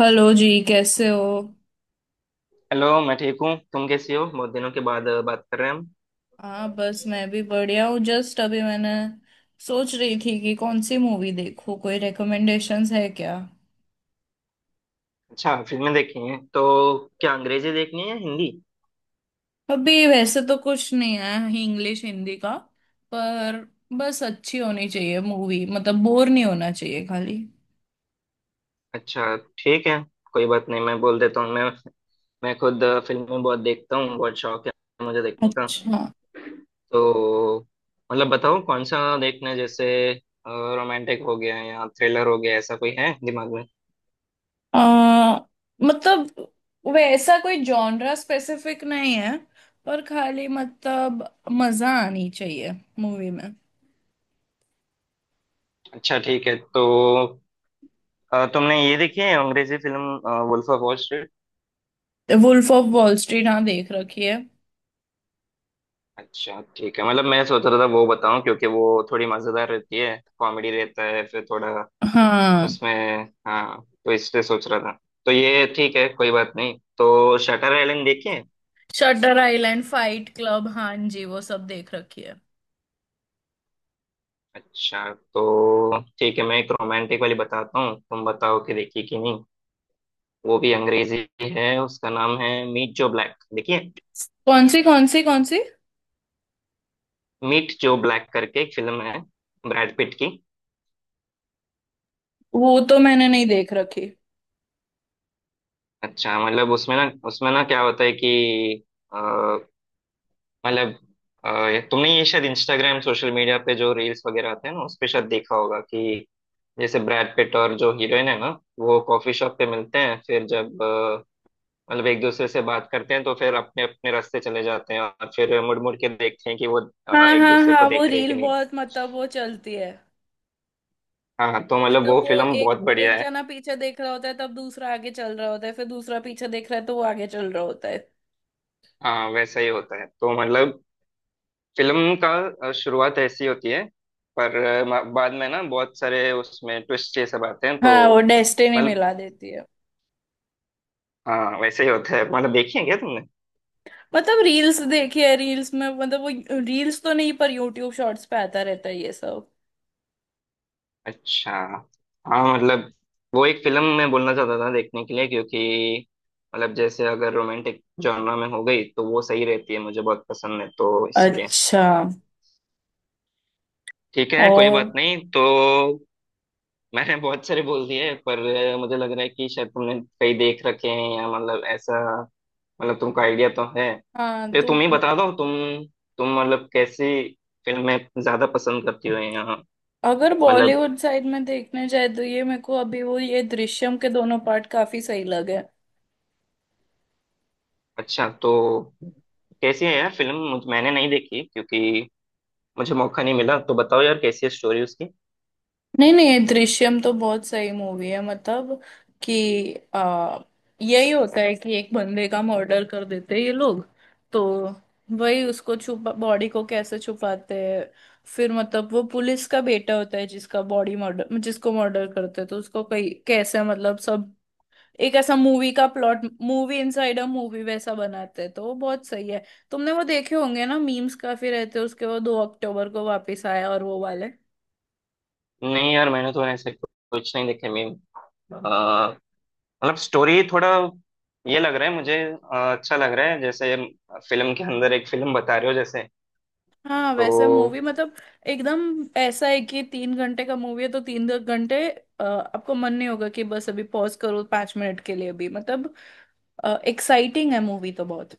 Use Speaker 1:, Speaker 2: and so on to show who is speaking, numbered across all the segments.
Speaker 1: Hello जी कैसे हो।
Speaker 2: हेलो। मैं ठीक हूँ, तुम कैसी हो? बहुत दिनों के बाद बात कर रहे हैं हम।
Speaker 1: हाँ बस मैं भी बढ़िया हूँ। जस्ट अभी मैंने सोच रही थी कि कौन सी मूवी देखूँ, कोई रिकमेंडेशंस है क्या।
Speaker 2: अच्छा, फिल्में देखी हैं तो? क्या अंग्रेजी देखनी है या हिंदी?
Speaker 1: अभी वैसे तो कुछ नहीं है इंग्लिश हिंदी का, पर बस अच्छी होनी चाहिए मूवी, मतलब बोर नहीं होना चाहिए खाली।
Speaker 2: अच्छा ठीक है, कोई बात नहीं, मैं बोल देता हूँ। मैं खुद फिल्में बहुत देखता हूँ, बहुत शौक है मुझे देखने का।
Speaker 1: अच्छा।
Speaker 2: तो मतलब बताओ कौन सा देखना है, जैसे रोमांटिक हो गया या थ्रिलर हो गया, ऐसा कोई है दिमाग में?
Speaker 1: आ, मतलब वैसा कोई जॉनरा स्पेसिफिक नहीं है, पर खाली मतलब मजा आनी चाहिए मूवी में।
Speaker 2: अच्छा ठीक है। तो तुमने ये देखी है अंग्रेजी film wolf of wall?
Speaker 1: Wolf of wall street, हाँ देख रखी है।
Speaker 2: अच्छा ठीक है, मतलब मैं सोच रहा था वो बताऊं क्योंकि वो थोड़ी मजेदार रहती है, कॉमेडी रहता है फिर थोड़ा
Speaker 1: हाँ।
Speaker 2: उसमें। हाँ तो इसलिए सोच रहा था। तो ये ठीक है, कोई बात नहीं, तो शटर आइलैंड देखिए।
Speaker 1: शटर आइलैंड, फाइट क्लब, हाँ जी वो सब देख रखी है।
Speaker 2: अच्छा तो ठीक है, मैं एक रोमांटिक वाली बताता हूँ, तुम बताओ कि देखिए कि नहीं। वो भी अंग्रेजी है, उसका नाम है मीट जो ब्लैक, देखिए।
Speaker 1: कौन सी कौन सी कौन सी?
Speaker 2: मीट जो ब्लैक करके एक फिल्म है, ब्रैड पिट की।
Speaker 1: वो तो मैंने नहीं देख रखी।
Speaker 2: अच्छा मतलब उसमें ना, उसमें ना क्या होता है कि, मतलब तुमने ये शायद इंस्टाग्राम सोशल मीडिया पे जो रील्स वगैरह आते हैं ना, उस पे शायद देखा होगा कि जैसे ब्रैड पिट और जो हीरोइन है ना, वो कॉफी शॉप पे मिलते हैं, फिर जब मतलब एक दूसरे से बात करते हैं तो फिर अपने अपने रास्ते चले जाते हैं, और फिर मुड़ मुड़ के देखते हैं कि वो
Speaker 1: हाँ
Speaker 2: एक
Speaker 1: हाँ
Speaker 2: दूसरे को
Speaker 1: हाँ, वो
Speaker 2: देख रहे हैं कि
Speaker 1: रील
Speaker 2: नहीं।
Speaker 1: बहुत, मतलब वो चलती है।
Speaker 2: हाँ तो मतलब
Speaker 1: मतलब
Speaker 2: वो
Speaker 1: वो
Speaker 2: फिल्म बहुत
Speaker 1: एक
Speaker 2: बढ़िया
Speaker 1: एक
Speaker 2: है।
Speaker 1: जना पीछे देख रहा होता है तब दूसरा आगे चल रहा होता है, फिर दूसरा पीछे देख रहा है तो वो आगे चल रहा होता है।
Speaker 2: हाँ वैसा ही होता है, तो मतलब फिल्म का शुरुआत ऐसी होती है, पर बाद में ना बहुत सारे उसमें ट्विस्ट ये सब आते हैं
Speaker 1: हाँ, वो
Speaker 2: तो
Speaker 1: डेस्टिनी
Speaker 2: मतलब।
Speaker 1: मिला देती है।
Speaker 2: हाँ वैसे ही होता है, मतलब देखी है क्या तुमने?
Speaker 1: मतलब रील्स देखी है, रील्स में मतलब वो, रील्स तो नहीं पर यूट्यूब शॉर्ट्स पे आता रहता है ये सब।
Speaker 2: अच्छा हाँ मतलब वो एक फिल्म मैं बोलना चाहता था देखने के लिए, क्योंकि मतलब जैसे अगर रोमांटिक जॉनर में हो गई तो वो सही रहती है, मुझे बहुत पसंद है तो इसलिए।
Speaker 1: अच्छा।
Speaker 2: ठीक है कोई
Speaker 1: और
Speaker 2: बात नहीं। तो मैंने बहुत सारे बोल दिए, पर मुझे लग रहा है कि शायद तुमने कई देख रखे हैं, या मतलब ऐसा, मतलब तुमको आइडिया तो है।
Speaker 1: हाँ
Speaker 2: तो तुम
Speaker 1: तुम।
Speaker 2: ही बता दो, तुम मतलब कैसी फिल्में ज्यादा पसंद करती हो, या
Speaker 1: अगर
Speaker 2: मतलब।
Speaker 1: बॉलीवुड साइड में देखने जाए तो ये मेरे को अभी वो ये दृश्यम के दोनों पार्ट काफी सही लगे।
Speaker 2: अच्छा तो कैसी है यार फिल्म, मैंने नहीं देखी क्योंकि मुझे मौका नहीं मिला, तो बताओ यार कैसी है स्टोरी उसकी।
Speaker 1: नहीं नहीं, ये दृश्यम तो बहुत सही मूवी है। मतलब कि आ, यही होता है कि एक बंदे का मर्डर कर देते हैं ये लोग, तो वही उसको छुपा, बॉडी को कैसे छुपाते हैं, फिर मतलब वो पुलिस का बेटा होता है जिसका बॉडी मर्डर, जिसको मर्डर करते हैं तो उसको कई कैसे मतलब सब। एक ऐसा मूवी का plot, movie inside a movie वैसा बनाते हैं तो वो बहुत सही है। तुमने वो देखे होंगे ना मीम्स काफी रहते हैं उसके, वो 2 अक्टूबर को वापस आया और वो वाले।
Speaker 2: नहीं यार मैंने तो ऐसे कुछ नहीं देखे। मैं अ, मतलब स्टोरी थोड़ा ये लग रहा है मुझे, अच्छा लग रहा है जैसे फिल्म के अंदर एक फिल्म बता रहे हो जैसे।
Speaker 1: हाँ वैसे मूवी
Speaker 2: तो
Speaker 1: मतलब एकदम ऐसा है कि 3 घंटे का मूवी है तो 3 घंटे आपको मन नहीं होगा कि बस अभी पॉज करो 5 मिनट के लिए भी, मतलब एक्साइटिंग है मूवी तो बहुत।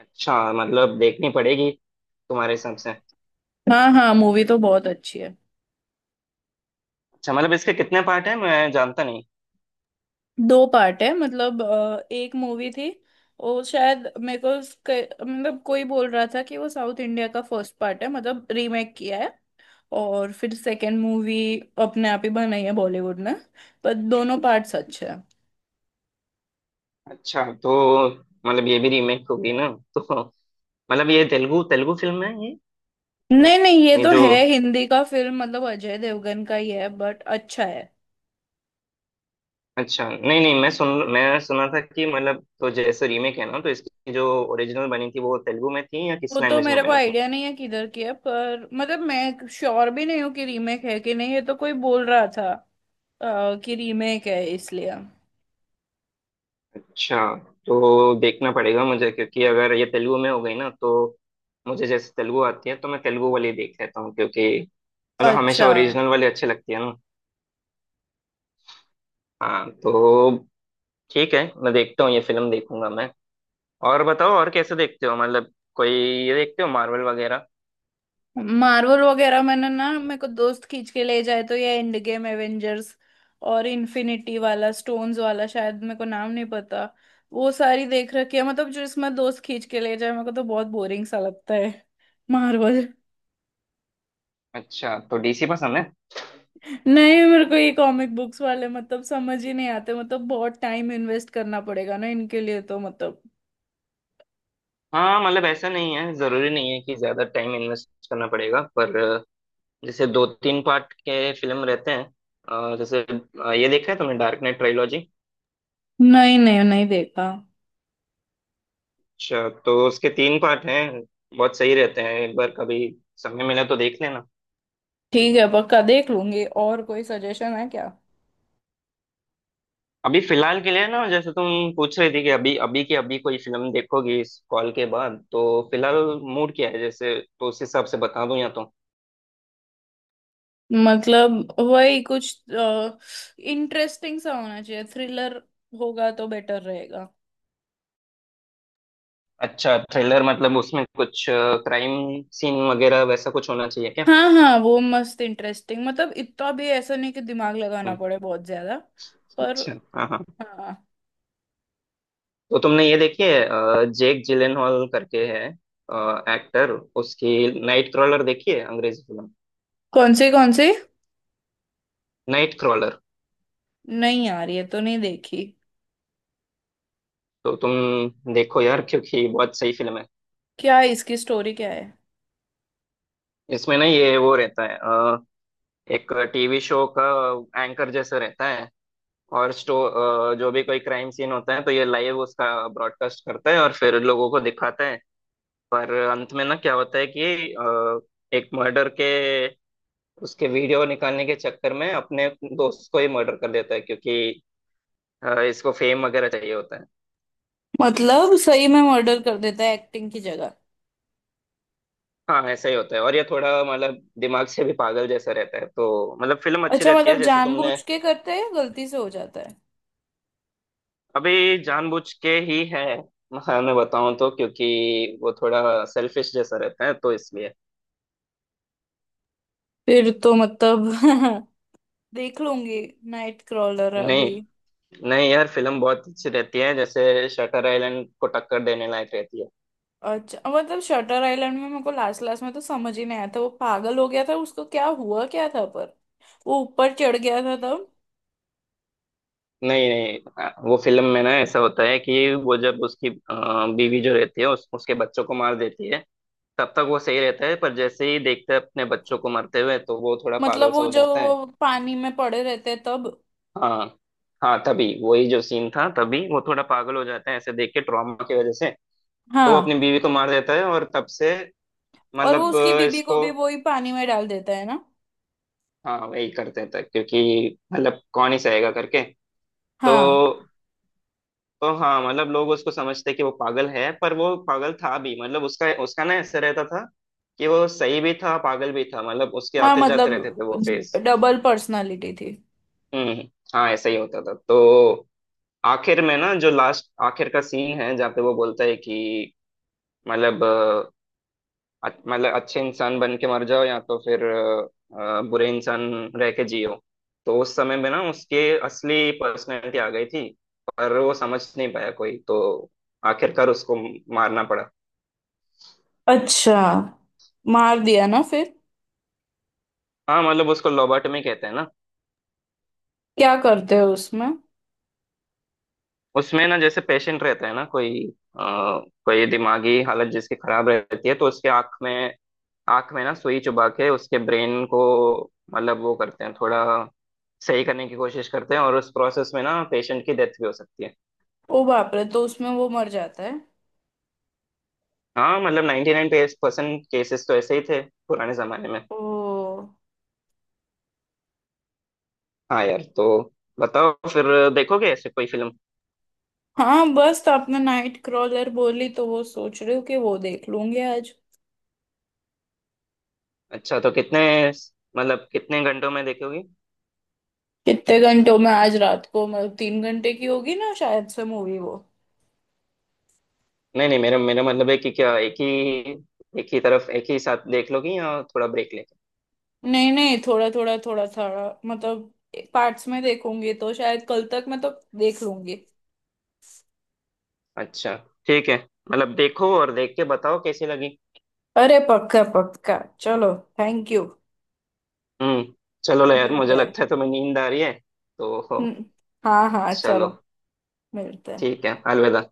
Speaker 2: अच्छा मतलब देखनी पड़ेगी तुम्हारे हिसाब से।
Speaker 1: हाँ हाँ, मूवी तो बहुत अच्छी है।
Speaker 2: अच्छा मतलब इसके कितने पार्ट हैं, मैं जानता नहीं।
Speaker 1: 2 पार्ट है, मतलब एक मूवी थी, वो शायद मेरे को मतलब कोई बोल रहा था कि वो साउथ इंडिया का फर्स्ट पार्ट है, मतलब रीमेक किया है, और फिर सेकंड मूवी अपने आप ही बनाई है बॉलीवुड ने। पर दोनों पार्ट्स अच्छे हैं।
Speaker 2: अच्छा तो मतलब ये भी रीमेक होगी ना तो मतलब ये तेलुगु तेलुगु फिल्म है ये?
Speaker 1: नहीं नहीं, ये
Speaker 2: ये
Speaker 1: तो
Speaker 2: जो,
Speaker 1: है हिंदी का फिल्म, मतलब अजय देवगन का ही है बट अच्छा है।
Speaker 2: अच्छा नहीं नहीं, मैं सुना था कि मतलब, तो जैसे रीमेक है ना, तो इसकी जो ओरिजिनल बनी थी वो तेलुगु में थी या
Speaker 1: वो
Speaker 2: किस
Speaker 1: तो
Speaker 2: लैंग्वेज में
Speaker 1: मेरे को
Speaker 2: बनी थी?
Speaker 1: आइडिया नहीं है किधर की है, पर मतलब मैं श्योर भी नहीं हूँ कि रीमेक है कि नहीं, ये तो कोई बोल रहा था कि रीमेक है इसलिए।
Speaker 2: अच्छा तो देखना पड़ेगा मुझे क्योंकि अगर ये तेलुगु में हो गई ना तो, मुझे जैसे तेलुगु आती है तो मैं तेलुगु वाली देख लेता हूँ, क्योंकि मतलब हमेशा
Speaker 1: अच्छा।
Speaker 2: ओरिजिनल वाली अच्छी लगती है ना। हाँ तो ठीक है, मैं देखता हूँ ये फिल्म, देखूंगा मैं। और बताओ, और कैसे देखते हो, मतलब कोई, ये देखते हो मार्वल वगैरह?
Speaker 1: मार्वल वगैरह मैंने ना, मेरे को दोस्त खींच के ले जाए तो ये एंड गेम, एवेंजर्स और इन्फिनिटी वाला स्टोन्स वाला, शायद मेरे को नाम नहीं पता, वो सारी देख रखी है। मतलब जो इसमें दोस्त खींच के ले जाए मेरे को, तो बहुत बोरिंग सा लगता है मार्वल।
Speaker 2: अच्छा तो डीसी पसंद है?
Speaker 1: नहीं, मेरे को ये कॉमिक बुक्स वाले मतलब समझ ही नहीं आते, मतलब बहुत टाइम इन्वेस्ट करना पड़ेगा ना इनके लिए, तो मतलब।
Speaker 2: हाँ मतलब ऐसा नहीं है, जरूरी नहीं है कि ज्यादा टाइम इन्वेस्ट करना पड़ेगा, पर जैसे दो तीन पार्ट के फिल्म रहते हैं, जैसे ये देखा है तुमने डार्क नाइट ट्रायोलॉजी?
Speaker 1: नहीं नहीं नहीं देखा।
Speaker 2: अच्छा तो उसके तीन पार्ट हैं, बहुत सही रहते हैं, एक बार कभी समय मिला तो देख लेना।
Speaker 1: ठीक है, पक्का देख लूंगी। और कोई सजेशन है क्या?
Speaker 2: अभी फिलहाल के लिए ना, जैसे तुम पूछ रही थी कि अभी अभी की अभी कोई फिल्म देखोगी इस कॉल के बाद तो, फिलहाल मूड क्या है जैसे तो उस हिसाब से बता दूं, या तो।
Speaker 1: मतलब वही कुछ इंटरेस्टिंग सा होना चाहिए, थ्रिलर होगा तो बेटर रहेगा।
Speaker 2: अच्छा थ्रिलर, मतलब उसमें कुछ क्राइम सीन वगैरह वैसा कुछ होना चाहिए क्या?
Speaker 1: हाँ हाँ, वो मस्त इंटरेस्टिंग, मतलब इतना भी ऐसा नहीं कि दिमाग लगाना
Speaker 2: हम्म।
Speaker 1: पड़े बहुत ज्यादा, पर।
Speaker 2: अच्छा हाँ हाँ।
Speaker 1: हाँ।
Speaker 2: तो तुमने ये देखी है जेक जिलेनहॉल करके है एक्टर, उसकी नाइट क्रॉलर देखी है अंग्रेजी फिल्म?
Speaker 1: कौन सी कौन सी?
Speaker 2: Night crawler.
Speaker 1: नहीं यार, ये तो नहीं देखी।
Speaker 2: तो तुम देखो यार क्योंकि बहुत सही फिल्म है।
Speaker 1: क्या है इसकी स्टोरी, क्या है?
Speaker 2: इसमें ना ये वो रहता है एक टीवी शो का एंकर जैसा रहता है, और जो भी कोई क्राइम सीन होता है तो ये लाइव उसका ब्रॉडकास्ट करता है और फिर लोगों को दिखाता है। पर अंत में ना क्या होता है कि एक मर्डर के उसके वीडियो निकालने के चक्कर में अपने दोस्त को ही मर्डर कर देता है, क्योंकि इसको फेम वगैरह चाहिए होता है।
Speaker 1: मतलब सही में मर्डर कर देता है एक्टिंग की जगह?
Speaker 2: हाँ ऐसा ही होता है, और ये थोड़ा मतलब दिमाग से भी पागल जैसा रहता है, तो मतलब फिल्म अच्छी
Speaker 1: अच्छा,
Speaker 2: रहती है
Speaker 1: मतलब
Speaker 2: जैसे तुमने।
Speaker 1: जानबूझ के करते हैं या गलती से हो जाता है?
Speaker 2: अभी जानबूझ के ही है, हाँ, मैं बताऊं तो क्योंकि वो थोड़ा सेल्फिश जैसा रहता है, तो इसलिए।
Speaker 1: फिर तो मतलब देख लूंगी नाइट क्रॉलर अभी।
Speaker 2: नहीं नहीं यार फिल्म बहुत अच्छी रहती है, जैसे शटर आइलैंड को टक्कर देने लायक रहती है।
Speaker 1: अच्छा, मतलब शटर आइलैंड में मेरे को लास्ट लास्ट में तो समझ ही नहीं आया था, वो पागल हो गया था, उसको क्या हुआ क्या था, पर वो ऊपर चढ़ गया था तब।
Speaker 2: नहीं नहीं, वो फिल्म में ना ऐसा होता है कि वो जब उसकी बीवी जो रहती है उसके बच्चों को मार देती है, तब तक वो सही रहता है, पर जैसे ही देखता है अपने बच्चों को मरते हुए तो वो थोड़ा पागल
Speaker 1: मतलब
Speaker 2: सा
Speaker 1: वो
Speaker 2: हो
Speaker 1: जो
Speaker 2: जाता है।
Speaker 1: वो पानी में पड़े रहते हैं तब?
Speaker 2: हाँ हाँ तभी वही जो सीन था, तभी वो थोड़ा पागल हो जाता है ऐसे देख के, ट्रॉमा की वजह से। तो वो अपनी
Speaker 1: हाँ।
Speaker 2: बीवी को मार देता है और तब से
Speaker 1: और वो
Speaker 2: मतलब
Speaker 1: उसकी बीबी को
Speaker 2: इसको।
Speaker 1: भी वही पानी में डाल देता है ना?
Speaker 2: हाँ वही कर देता है, क्योंकि मतलब कौन ही सहेगा करके। तो
Speaker 1: हाँ।
Speaker 2: तो हाँ मतलब लोग उसको समझते कि वो पागल है, पर वो पागल था भी, मतलब उसका उसका ना ऐसे रहता था कि वो सही भी था पागल भी था, मतलब उसके
Speaker 1: हाँ
Speaker 2: आते जाते
Speaker 1: मतलब
Speaker 2: रहते थे वो फेज।
Speaker 1: डबल पर्सनालिटी थी।
Speaker 2: हम्म हम्म। हाँ ऐसा ही होता था। तो आखिर में ना जो लास्ट आखिर का सीन है, जहाँ पे वो बोलता है कि मतलब, मतलब अच्छे इंसान बन के मर जाओ, या तो फिर बुरे इंसान रह के जियो। तो उस समय में ना उसके असली पर्सनैलिटी आ गई थी, पर वो समझ नहीं पाया कोई, तो आखिरकार उसको मारना पड़ा।
Speaker 1: अच्छा, मार दिया ना फिर?
Speaker 2: हाँ मतलब उसको लोबोटमी कहते हैं ना।
Speaker 1: क्या करते हैं उसमें?
Speaker 2: उसमें ना जैसे पेशेंट रहता है ना कोई अ, कोई दिमागी हालत जिसकी खराब रहती है, तो उसके आंख में ना सुई चुबा के उसके ब्रेन को मतलब वो करते हैं थोड़ा, सही करने की कोशिश करते हैं, और उस प्रोसेस में ना पेशेंट की डेथ भी हो सकती है।
Speaker 1: ओ बाप रे, तो उसमें वो मर जाता है?
Speaker 2: हाँ मतलब 99% केसेस तो ऐसे ही थे पुराने जमाने में।
Speaker 1: ओ।
Speaker 2: हाँ यार। तो बताओ फिर, देखोगे ऐसे कोई फिल्म?
Speaker 1: हाँ बस तो आपने नाइट क्रॉलर बोली, तो वो सोच रही हूँ कि वो देख लूंगी आज।
Speaker 2: अच्छा तो कितने मतलब कितने घंटों में देखोगी?
Speaker 1: कितने घंटों में? आज रात को, मतलब 3 घंटे की होगी ना शायद से मूवी वो।
Speaker 2: नहीं नहीं, मेरा मेरा मतलब है कि क्या एक ही तरफ, एक ही साथ देख लोगी या थोड़ा ब्रेक लेके?
Speaker 1: नहीं नहीं, थोड़ा थोड़ा थोड़ा थोड़ा, मतलब पार्ट्स में देखूंगी, तो शायद कल तक मैं तो देख लूंगी।
Speaker 2: अच्छा ठीक है, मतलब देखो और देख के बताओ कैसी लगी।
Speaker 1: अरे पक्का पक्का, चलो, थैंक यू।
Speaker 2: हम्म। चलो यार,
Speaker 1: मिलते
Speaker 2: मुझे
Speaker 1: हैं।
Speaker 2: लगता है तुम्हें नींद आ रही है तो,
Speaker 1: हम्म, हाँ हाँ
Speaker 2: चलो,
Speaker 1: चलो। मिलते हैं।
Speaker 2: ठीक है, अलविदा।